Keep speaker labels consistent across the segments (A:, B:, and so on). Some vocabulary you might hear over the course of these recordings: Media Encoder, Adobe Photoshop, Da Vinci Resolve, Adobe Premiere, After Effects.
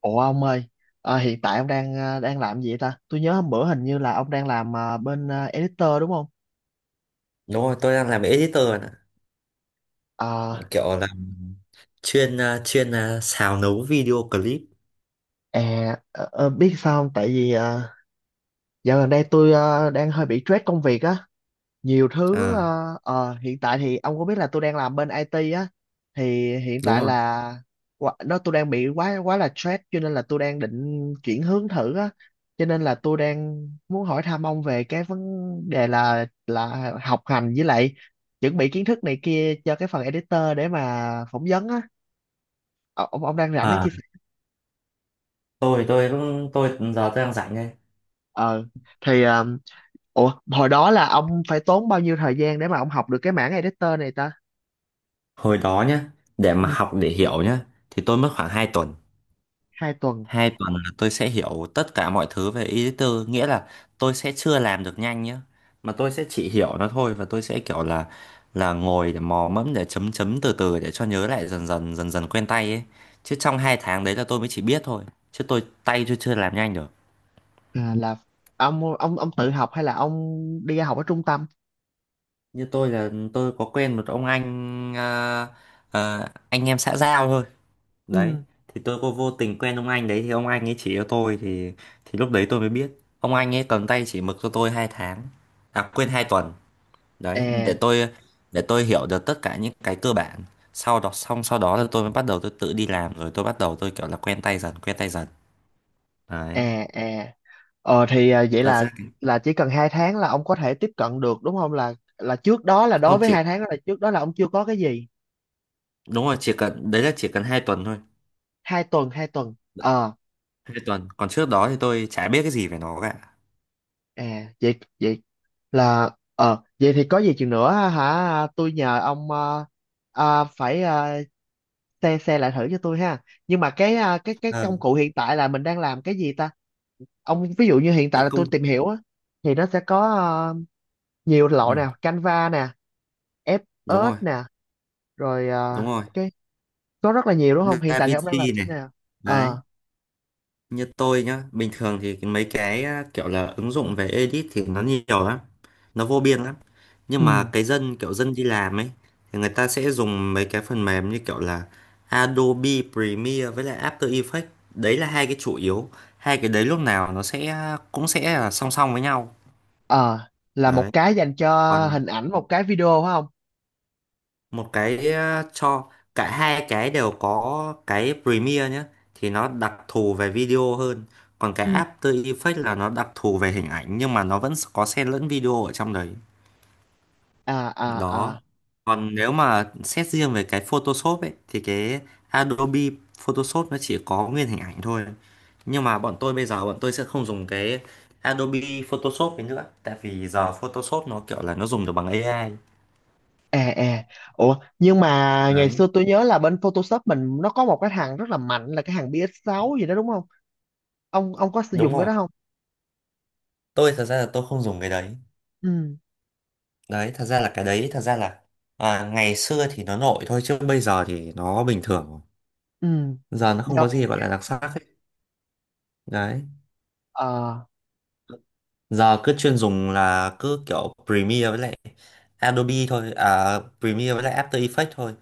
A: Ủa ông ơi, hiện tại ông đang đang làm gì vậy ta? Tôi nhớ hôm bữa hình như là ông đang làm bên editor đúng không?
B: Đúng rồi, tôi đang làm editor bạn ạ.
A: Ờ,
B: Kiểu là chuyên xào nấu video clip.
A: Biết sao không? Tại vì dạo gần đây tôi đang hơi bị stress công việc á, nhiều thứ.
B: À,
A: Ờ, Hiện tại thì ông có biết là tôi đang làm bên IT á, thì hiện
B: đúng
A: tại
B: rồi.
A: là quá- nó tôi đang bị quá quá là stress, cho nên là tôi đang định chuyển hướng thử á, cho nên là tôi đang muốn hỏi thăm ông về cái vấn đề là học hành với lại chuẩn bị kiến thức này kia cho cái phần editor để mà phỏng vấn á. Ờ, ông đang rảnh để
B: À,
A: chia sẻ.
B: tôi cũng giờ tôi đang rảnh đây.
A: ờ thì ờ, Ủa hồi đó là ông phải tốn bao nhiêu thời gian để mà ông học được cái mảng editor này ta?
B: Hồi đó nhá, để
A: Ừ,
B: mà học để hiểu nhá thì tôi mất khoảng 2 tuần.
A: 2 tuần.
B: 2 tuần là tôi sẽ hiểu tất cả mọi thứ về editor, nghĩa là tôi sẽ chưa làm được nhanh nhá, mà tôi sẽ chỉ hiểu nó thôi và tôi sẽ kiểu là ngồi để mò mẫm để chấm chấm từ từ để cho nhớ lại dần dần dần dần quen tay ấy. Chứ trong 2 tháng đấy là tôi mới chỉ biết thôi, chứ tay tôi chưa làm nhanh được.
A: Là ông tự học hay là ông đi học ở trung tâm?
B: Như tôi là tôi có quen một ông anh à, anh em xã giao thôi.
A: Ừ.
B: Đấy, thì tôi có vô tình quen ông anh đấy thì ông anh ấy chỉ cho tôi, thì lúc đấy tôi mới biết ông anh ấy cầm tay chỉ mực cho tôi 2 tháng, à quên, 2 tuần đấy, để
A: à
B: tôi hiểu được tất cả những cái cơ bản, sau đó là tôi mới bắt đầu tôi tự đi làm, rồi tôi bắt đầu tôi kiểu là quen tay dần quen tay dần. Đấy,
A: à à Vậy
B: thật
A: là
B: ra thì
A: chỉ cần 2 tháng là ông có thể tiếp cận được đúng không, là trước đó, là đối
B: không
A: với
B: chỉ,
A: 2 tháng đó, là trước đó là ông chưa có cái gì?
B: đúng rồi, chỉ cần đấy, là chỉ cần 2 tuần thôi.
A: 2 tuần 2 tuần
B: Đấy,
A: ờ
B: 2 tuần còn trước đó thì tôi chả biết cái gì về nó cả.
A: à vậy vậy là ờ vậy thì có gì chừng nữa hả, tôi nhờ ông phải xe xe lại thử cho tôi ha. Nhưng mà cái
B: Ờ,
A: công cụ hiện tại là mình đang làm cái gì ta? Ông ví dụ như hiện tại
B: cái
A: là tôi
B: công
A: tìm hiểu á, thì nó sẽ có nhiều loại
B: ừ,
A: nè, Canva nè,
B: đúng
A: FS
B: rồi,
A: nè, rồi
B: đúng rồi.
A: cái có rất là nhiều đúng không? Hiện
B: Da
A: tại thì ông đang làm
B: Vinci
A: thế
B: này.
A: nào?
B: Đấy,
A: ờ
B: như tôi nhá, bình thường thì mấy cái kiểu là ứng dụng về edit thì nó nhiều lắm, nó vô biên lắm,
A: ừ
B: nhưng mà cái dân kiểu dân đi làm ấy thì người ta sẽ dùng mấy cái phần mềm như kiểu là Adobe Premiere với lại After Effects. Đấy là hai cái chủ yếu. Hai cái đấy lúc nào nó sẽ cũng sẽ là song song với nhau.
A: ờ là một
B: Đấy,
A: cái dành cho
B: còn
A: hình ảnh, một cái video phải không?
B: một cái cho cả hai cái đều có, cái Premiere nhé, thì nó đặc thù về video hơn, còn cái
A: Ừ.
B: After Effects là nó đặc thù về hình ảnh nhưng mà nó vẫn có xen lẫn video ở trong đấy.
A: à à
B: Đó,
A: à
B: còn nếu mà xét riêng về cái Photoshop ấy thì cái Adobe Photoshop nó chỉ có nguyên hình ảnh thôi, nhưng mà bọn tôi bây giờ bọn tôi sẽ không dùng cái Adobe Photoshop ấy nữa, tại vì giờ Photoshop nó kiểu là nó dùng được bằng AI.
A: à à Ủa nhưng mà ngày
B: Đấy,
A: xưa tôi nhớ là bên Photoshop mình nó có một cái thằng rất là mạnh là cái thằng PS6 gì đó đúng không? Ông có sử
B: đúng
A: dụng cái
B: rồi,
A: đó không?
B: tôi thật ra là tôi không dùng cái đấy.
A: Ừ.
B: Đấy, thật ra là à, ngày xưa thì nó nổi thôi, chứ bây giờ thì nó bình thường rồi,
A: Ừ.
B: giờ nó không
A: do
B: có gì gọi là đặc sắc ấy. Đấy,
A: ờ
B: giờ cứ chuyên dùng là cứ kiểu Premiere với lại Adobe thôi, à, Premiere với lại After Effects thôi.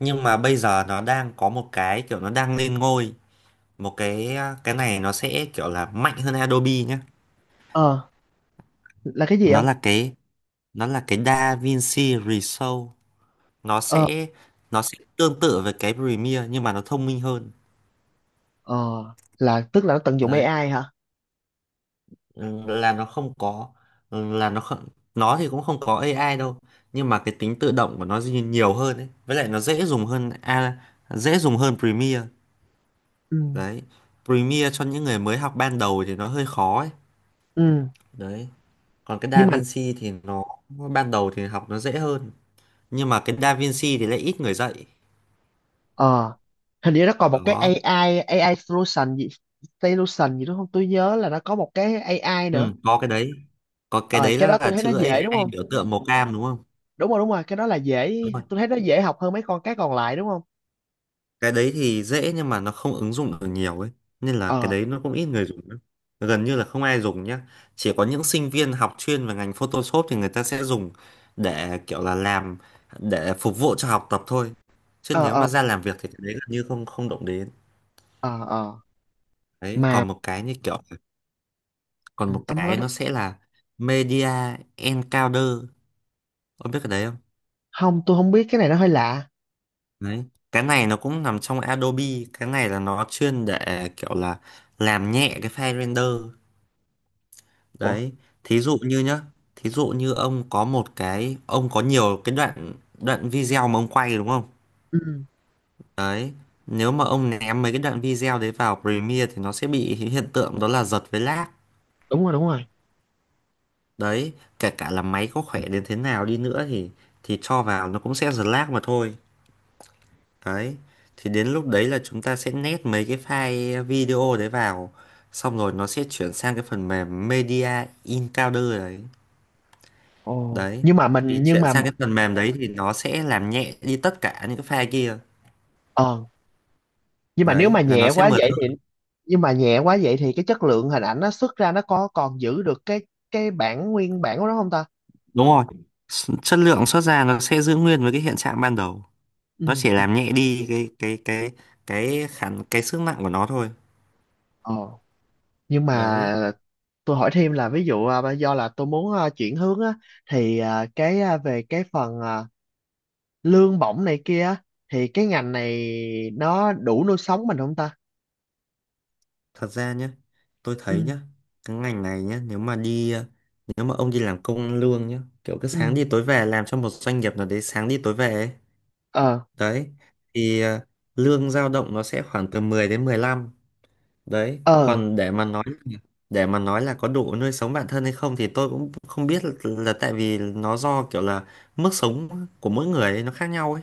B: Nhưng mà bây giờ nó đang có một cái kiểu nó đang lên ngôi, một cái cái này nó sẽ kiểu là mạnh hơn Adobe nhé.
A: ờ Là cái gì
B: nó
A: không?
B: là cái nó là cái DaVinci Resolve. nó
A: Ờ
B: sẽ nó sẽ tương tự với cái Premiere nhưng mà nó thông minh hơn.
A: ờ là tức là nó tận dụng
B: Đấy,
A: AI hả?
B: là nó không có, ừ, là nó không, nó thì cũng không có AI đâu, nhưng mà cái tính tự động của nó dĩ nhiên nhiều hơn ấy, với lại nó dễ dùng hơn, a, dễ dùng hơn Premiere.
A: Ừ.
B: Đấy, Premiere cho những người mới học ban đầu thì nó hơi khó ấy.
A: Ừ.
B: Đấy, còn cái
A: Nhưng mà
B: DaVinci thì nó ban đầu thì học nó dễ hơn, nhưng mà cái DaVinci thì lại ít người dạy.
A: ờ hình như nó còn một cái
B: Đó,
A: AI AI solution gì, đúng không, tôi nhớ là nó có một cái AI nữa.
B: ừ, có cái đấy có cái
A: Ờ
B: đấy
A: cái đó
B: là
A: tôi thấy nó
B: chữ
A: dễ đúng
B: AI,
A: không?
B: biểu tượng màu cam đúng không?
A: Đúng rồi, đúng rồi, cái đó là dễ.
B: Đúng rồi.
A: Tôi thấy nó dễ học hơn mấy con cái còn lại đúng không?
B: Cái đấy thì dễ nhưng mà nó không ứng dụng được nhiều ấy, nên là cái
A: ờ
B: đấy nó cũng ít người dùng lắm. Gần như là không ai dùng nhá, chỉ có những sinh viên học chuyên về ngành Photoshop thì người ta sẽ dùng để kiểu là làm, để phục vụ cho học tập thôi, chứ
A: ờ
B: nếu
A: ờ
B: mà ra làm việc thì cái đấy gần như không không động đến.
A: ờ ờ
B: Đấy,
A: mà
B: còn một cái như kiểu còn
A: ừ,
B: một
A: ông nói
B: cái
A: đi.
B: nó sẽ là Media Encoder, ông biết cái đấy không?
A: Không, tôi không biết, cái này nó hơi lạ.
B: Đấy, cái này nó cũng nằm trong Adobe. Cái này là nó chuyên để kiểu là làm nhẹ cái file render.
A: Ủa.
B: Đấy, thí dụ như nhá, thí dụ như ông có một cái, ông có nhiều cái đoạn đoạn video mà ông quay đúng không?
A: Ừ,
B: Đấy, nếu mà ông ném mấy cái đoạn video đấy vào Premiere thì nó sẽ bị hiện tượng đó là giật với lag.
A: đúng rồi, đúng rồi.
B: Đấy, kể cả là máy có khỏe đến thế nào đi nữa thì cho vào nó cũng sẽ giật lag mà thôi. Đấy, thì đến lúc đấy là chúng ta sẽ nét mấy cái file video đấy vào, xong rồi nó sẽ chuyển sang cái phần mềm Media Encoder đấy.
A: Ồ,
B: Đấy,
A: nhưng mà mình
B: thì
A: nhưng
B: chuyển
A: mà
B: sang cái phần mềm đấy thì nó sẽ làm nhẹ đi tất cả những cái file kia.
A: ờ nhưng mà nếu
B: Đấy
A: mà
B: là nó
A: nhẹ
B: sẽ
A: quá
B: mượt
A: vậy thì
B: hơn.
A: nhưng mà nhẹ quá vậy thì cái chất lượng hình ảnh nó xuất ra nó có còn giữ được cái bản nguyên bản của nó không ta?
B: Đúng rồi, chất lượng xuất ra nó sẽ giữ nguyên với cái hiện trạng ban đầu.
A: Ừ.
B: Nó chỉ
A: Ừ.
B: làm nhẹ đi cái sức nặng của nó thôi.
A: ờ nhưng
B: Đấy,
A: mà tôi hỏi thêm là ví dụ do là tôi muốn chuyển hướng á, thì về cái phần lương bổng này kia á, thì cái ngành này nó đủ nuôi sống mình không ta?
B: thật ra nhá, tôi thấy
A: Ừ,
B: nhá, cái ngành này nhá, nếu mà nếu mà ông đi làm công ăn lương nhá, kiểu cứ sáng
A: ừ.
B: đi tối về làm cho một doanh nghiệp nào đấy, sáng đi tối về ấy.
A: ờ
B: Đấy, thì lương dao động nó sẽ khoảng từ 10 đến 15. Đấy
A: ờ
B: còn để mà nói, là có đủ nuôi sống bản thân hay không thì tôi cũng không biết, là tại vì nó do kiểu là mức sống của mỗi người ấy, nó khác nhau ấy.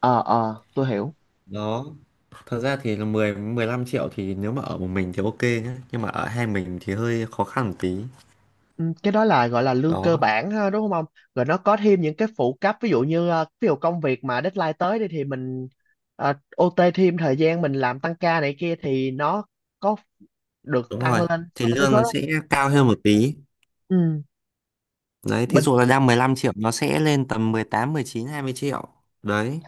A: ờ tôi hiểu.
B: Đó, thật ra thì là mười mười 15 triệu, thì nếu mà ở một mình thì ok nhá, nhưng mà ở hai mình thì hơi khó khăn một tí.
A: Ừ, cái đó là gọi là lương
B: Đó,
A: cơ bản ha, đúng không ông? Rồi nó có thêm những cái phụ cấp, ví dụ như ví dụ công việc mà deadline tới đi thì mình ờ, OT thêm thời gian mình làm tăng ca này kia thì nó có được
B: đúng
A: tăng
B: rồi,
A: lên
B: thì
A: so với
B: lương
A: số
B: nó
A: đó.
B: sẽ cao hơn một tí.
A: Ừ.
B: Đấy, thí
A: bình
B: dụ là đang 15 triệu nó sẽ lên tầm mười 18 19 20 triệu. Đấy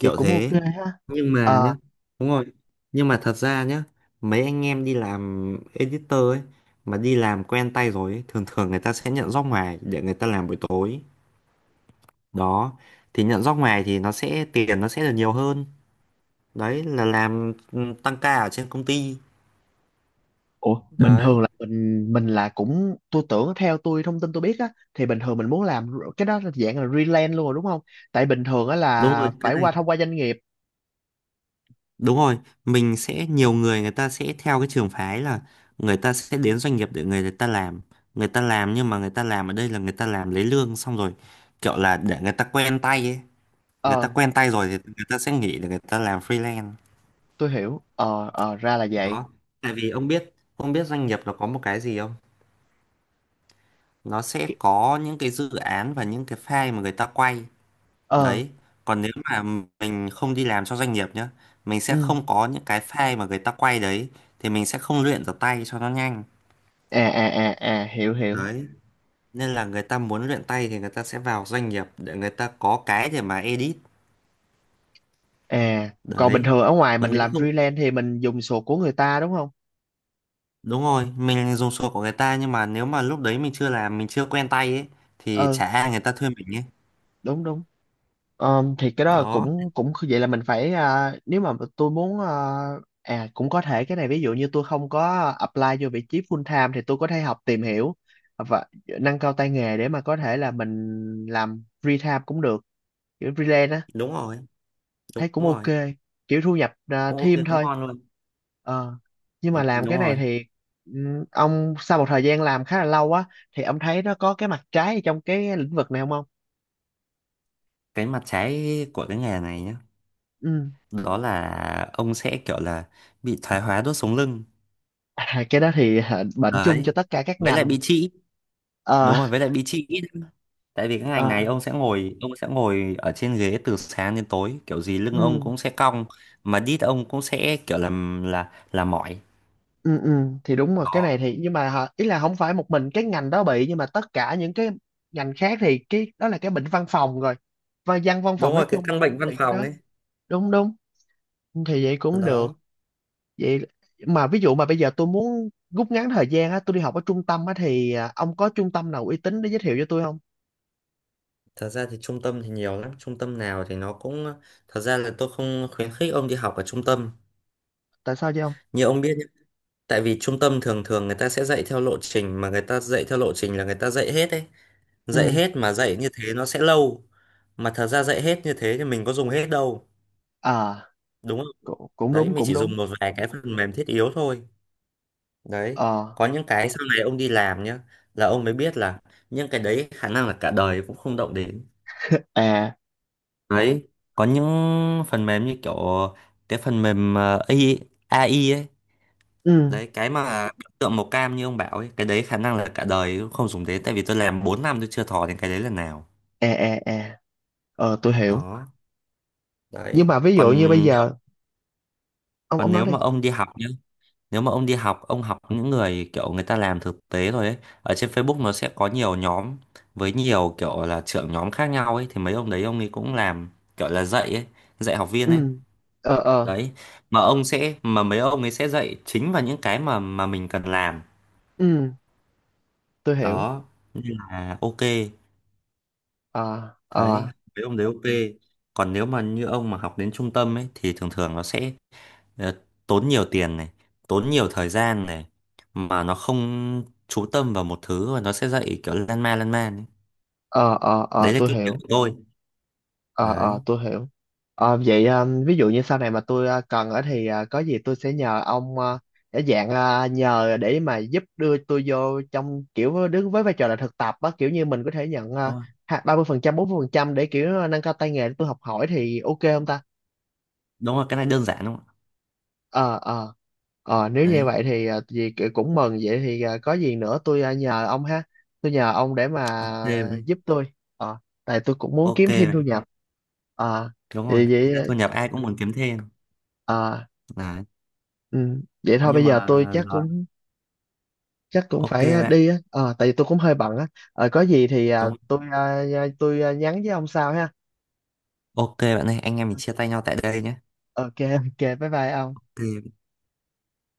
A: Vậy cũng ok
B: thế.
A: ha.
B: Nhưng mà nhá,
A: Ờ,
B: đúng rồi, nhưng mà thật ra nhá, mấy anh em đi làm editor ấy, mà đi làm quen tay rồi ấy, thường thường người ta sẽ nhận job ngoài để người ta làm buổi tối. Đó, thì nhận job ngoài thì nó sẽ tiền nó sẽ được nhiều hơn. Đấy là làm tăng ca ở trên công ty.
A: ủa bình
B: Đấy
A: thường là mình là cũng tôi tưởng theo tôi thông tin tôi biết á, thì bình thường mình muốn làm cái đó là dạng là freelance luôn rồi đúng không, tại bình thường á
B: đúng
A: là
B: rồi, cái
A: phải
B: này.
A: thông qua doanh nghiệp.
B: Đúng rồi, mình sẽ, nhiều người người ta sẽ theo cái trường phái là người ta sẽ đến doanh nghiệp để người ta làm. Người ta làm, nhưng mà người ta làm ở đây là người ta làm lấy lương xong rồi kiểu là để người ta quen tay ấy. Người ta
A: ờ
B: quen tay rồi thì người ta sẽ nghỉ để người ta làm freelance.
A: tôi hiểu. Ờ Ra là vậy.
B: Đó. Tại vì ông biết doanh nghiệp nó có một cái gì không? Nó sẽ
A: Ki-
B: có những cái dự án và những cái file mà người ta quay.
A: ờ
B: Đấy. Còn nếu mà mình không đi làm cho doanh nghiệp nhá, mình sẽ
A: ừ.
B: không có những cái file mà người ta quay đấy, thì mình sẽ không luyện được tay cho nó nhanh.
A: Hiểu hiểu.
B: Đấy, nên là người ta muốn luyện tay thì người ta sẽ vào doanh nghiệp để người ta có cái để mà edit.
A: À, còn bình
B: Đấy,
A: thường ở ngoài mình
B: còn nếu
A: làm
B: không,
A: freelance thì mình dùng sổ của người ta đúng không?
B: đúng rồi, mình dùng sổ của người ta, nhưng mà nếu mà lúc đấy mình chưa làm, mình chưa quen tay ấy thì
A: Ừ,
B: chả ai người ta thuê mình ấy.
A: đúng đúng. Thì cái đó là
B: Đó,
A: cũng cũng vậy là mình phải, nếu mà tôi muốn cũng có thể cái này, ví dụ như tôi không có apply vô vị trí full time thì tôi có thể học tìm hiểu và nâng cao tay nghề để mà có thể là mình làm free time cũng được, kiểu freelance á.
B: đúng rồi, đúng
A: Thấy cũng
B: rồi,
A: ok, kiểu thu nhập
B: cũng ok,
A: thêm
B: cũng
A: thôi.
B: ngon luôn.
A: Ờ, nhưng
B: Ừ,
A: mà làm
B: đúng
A: cái này
B: rồi.
A: thì ông sau một thời gian làm khá là lâu á thì ông thấy nó có cái mặt trái trong cái lĩnh vực này không ông?
B: Cái mặt trái của cái nghề này nhá,
A: Ừ.
B: đó là ông sẽ kiểu là bị thoái hóa đốt sống lưng.
A: À, cái đó thì bệnh chung
B: Đấy,
A: cho tất cả các
B: với lại
A: ngành.
B: bị trĩ.
A: Ờ.
B: Đúng rồi, với lại bị trĩ. Tại vì cái
A: Ờ.
B: ngành này ông sẽ ngồi, ông sẽ ngồi ở trên ghế từ sáng đến tối, kiểu gì lưng ông
A: Ừ.
B: cũng sẽ cong, mà đít ông cũng sẽ kiểu làm là mỏi.
A: Ừ. Ừ. Thì đúng rồi cái
B: Đó.
A: này thì, nhưng mà hả, ý là không phải một mình cái ngành đó bị, nhưng mà tất cả những cái ngành khác thì cái đó là cái bệnh văn phòng rồi. Và văn văn
B: Đúng
A: phòng nói
B: rồi, cái
A: chung
B: căn bệnh văn
A: bị cái
B: phòng
A: đó.
B: ấy.
A: Đúng đúng, thì vậy cũng
B: Đó.
A: được. Vậy mà ví dụ mà bây giờ tôi muốn rút ngắn thời gian á, tôi đi học ở trung tâm á thì ông có trung tâm nào uy tín để giới thiệu cho tôi không?
B: Thật ra thì trung tâm thì nhiều lắm. Trung tâm nào thì nó cũng... Thật ra là tôi không khuyến khích ông đi học ở trung tâm.
A: Tại sao vậy không?
B: Như ông biết nhá. Tại vì trung tâm thường thường người ta sẽ dạy theo lộ trình. Mà người ta dạy theo lộ trình là người ta dạy hết ấy. Dạy
A: Ừ.
B: hết mà dạy như thế nó sẽ lâu. Mà thật ra dạy hết như thế thì mình có dùng hết đâu,
A: à
B: đúng không?
A: Cũng, cũng
B: Đấy,
A: đúng,
B: mình
A: cũng
B: chỉ
A: đúng.
B: dùng một vài cái phần mềm thiết yếu thôi. Đấy,
A: ờ
B: có những cái sau này ông đi làm nhá, là ông mới biết là những cái đấy khả năng là cả đời cũng không động đến.
A: à
B: Đấy, có những phần mềm như kiểu cái phần mềm a i ấy.
A: ừ.
B: Đấy, cái mà biểu tượng màu cam như ông bảo ấy, cái đấy khả năng là cả đời cũng không dùng đến, tại vì tôi làm 4 năm tôi chưa thò đến cái đấy lần nào.
A: à à à tôi hiểu.
B: Đó.
A: Nhưng
B: Đấy.
A: mà ví
B: còn
A: dụ như bây
B: nếu
A: giờ. Ông
B: còn
A: nói
B: nếu
A: đi.
B: mà ông đi học nhá, nếu mà ông đi học, ông học những người kiểu người ta làm thực tế rồi ấy, ở trên Facebook nó sẽ có nhiều nhóm với nhiều kiểu là trưởng nhóm khác nhau ấy, thì mấy ông đấy ông ấy cũng làm kiểu là dạy ấy, dạy học viên
A: Ừ.
B: ấy.
A: ờ ờ
B: Đấy, mà ông sẽ, mà mấy ông ấy sẽ dạy chính vào những cái mà mình cần làm.
A: ừ, tôi hiểu.
B: Đó, nên là ok.
A: ờ
B: Đấy,
A: ờ
B: mấy ông đấy ok. Còn nếu mà như ông mà học đến trung tâm ấy thì thường thường nó sẽ ờ, tốn nhiều tiền này, tốn nhiều thời gian này, mà nó không chú tâm vào một thứ và nó sẽ dạy kiểu lan man ấy.
A: ờ
B: Đấy là
A: tôi
B: kinh nghiệm
A: hiểu.
B: của tôi.
A: Ờ
B: Đấy,
A: tôi hiểu. Ờ, vậy ví dụ như sau này mà tôi cần ở thì có gì tôi sẽ nhờ ông, để dạng nhờ để mà giúp đưa tôi vô trong kiểu đứng với vai trò là thực tập á, kiểu như mình có thể nhận
B: đúng rồi.
A: 30%, 40% để kiểu nâng cao tay nghề để tôi học hỏi thì ok không ta?
B: Đúng rồi, cái này đơn giản đúng không ạ?
A: ờ ờ Nếu như
B: Đấy.
A: vậy thì cũng mừng, vậy thì có gì nữa tôi nhờ ông ha. Tôi nhờ ông để mà
B: Ok bạn.
A: giúp tôi. ờ Tại tôi cũng muốn
B: Ok
A: kiếm thêm thu
B: bạn.
A: nhập. ờ
B: Đúng rồi,
A: thì
B: thực ra
A: vậy.
B: thu nhập ai cũng muốn kiếm thêm.
A: ờ
B: Đấy,
A: Ừ. Vậy thôi bây
B: nhưng mà
A: giờ tôi chắc
B: rồi.
A: cũng
B: Ok
A: phải
B: bạn.
A: đi á. Ờ, tại vì tôi cũng hơi bận á. Ờ, có gì thì
B: Đúng rồi.
A: tôi nhắn với ông sau ha.
B: Ok bạn ơi, anh em mình chia tay nhau tại đây nhé.
A: Ok. Ok, bye bye ông.
B: Ok.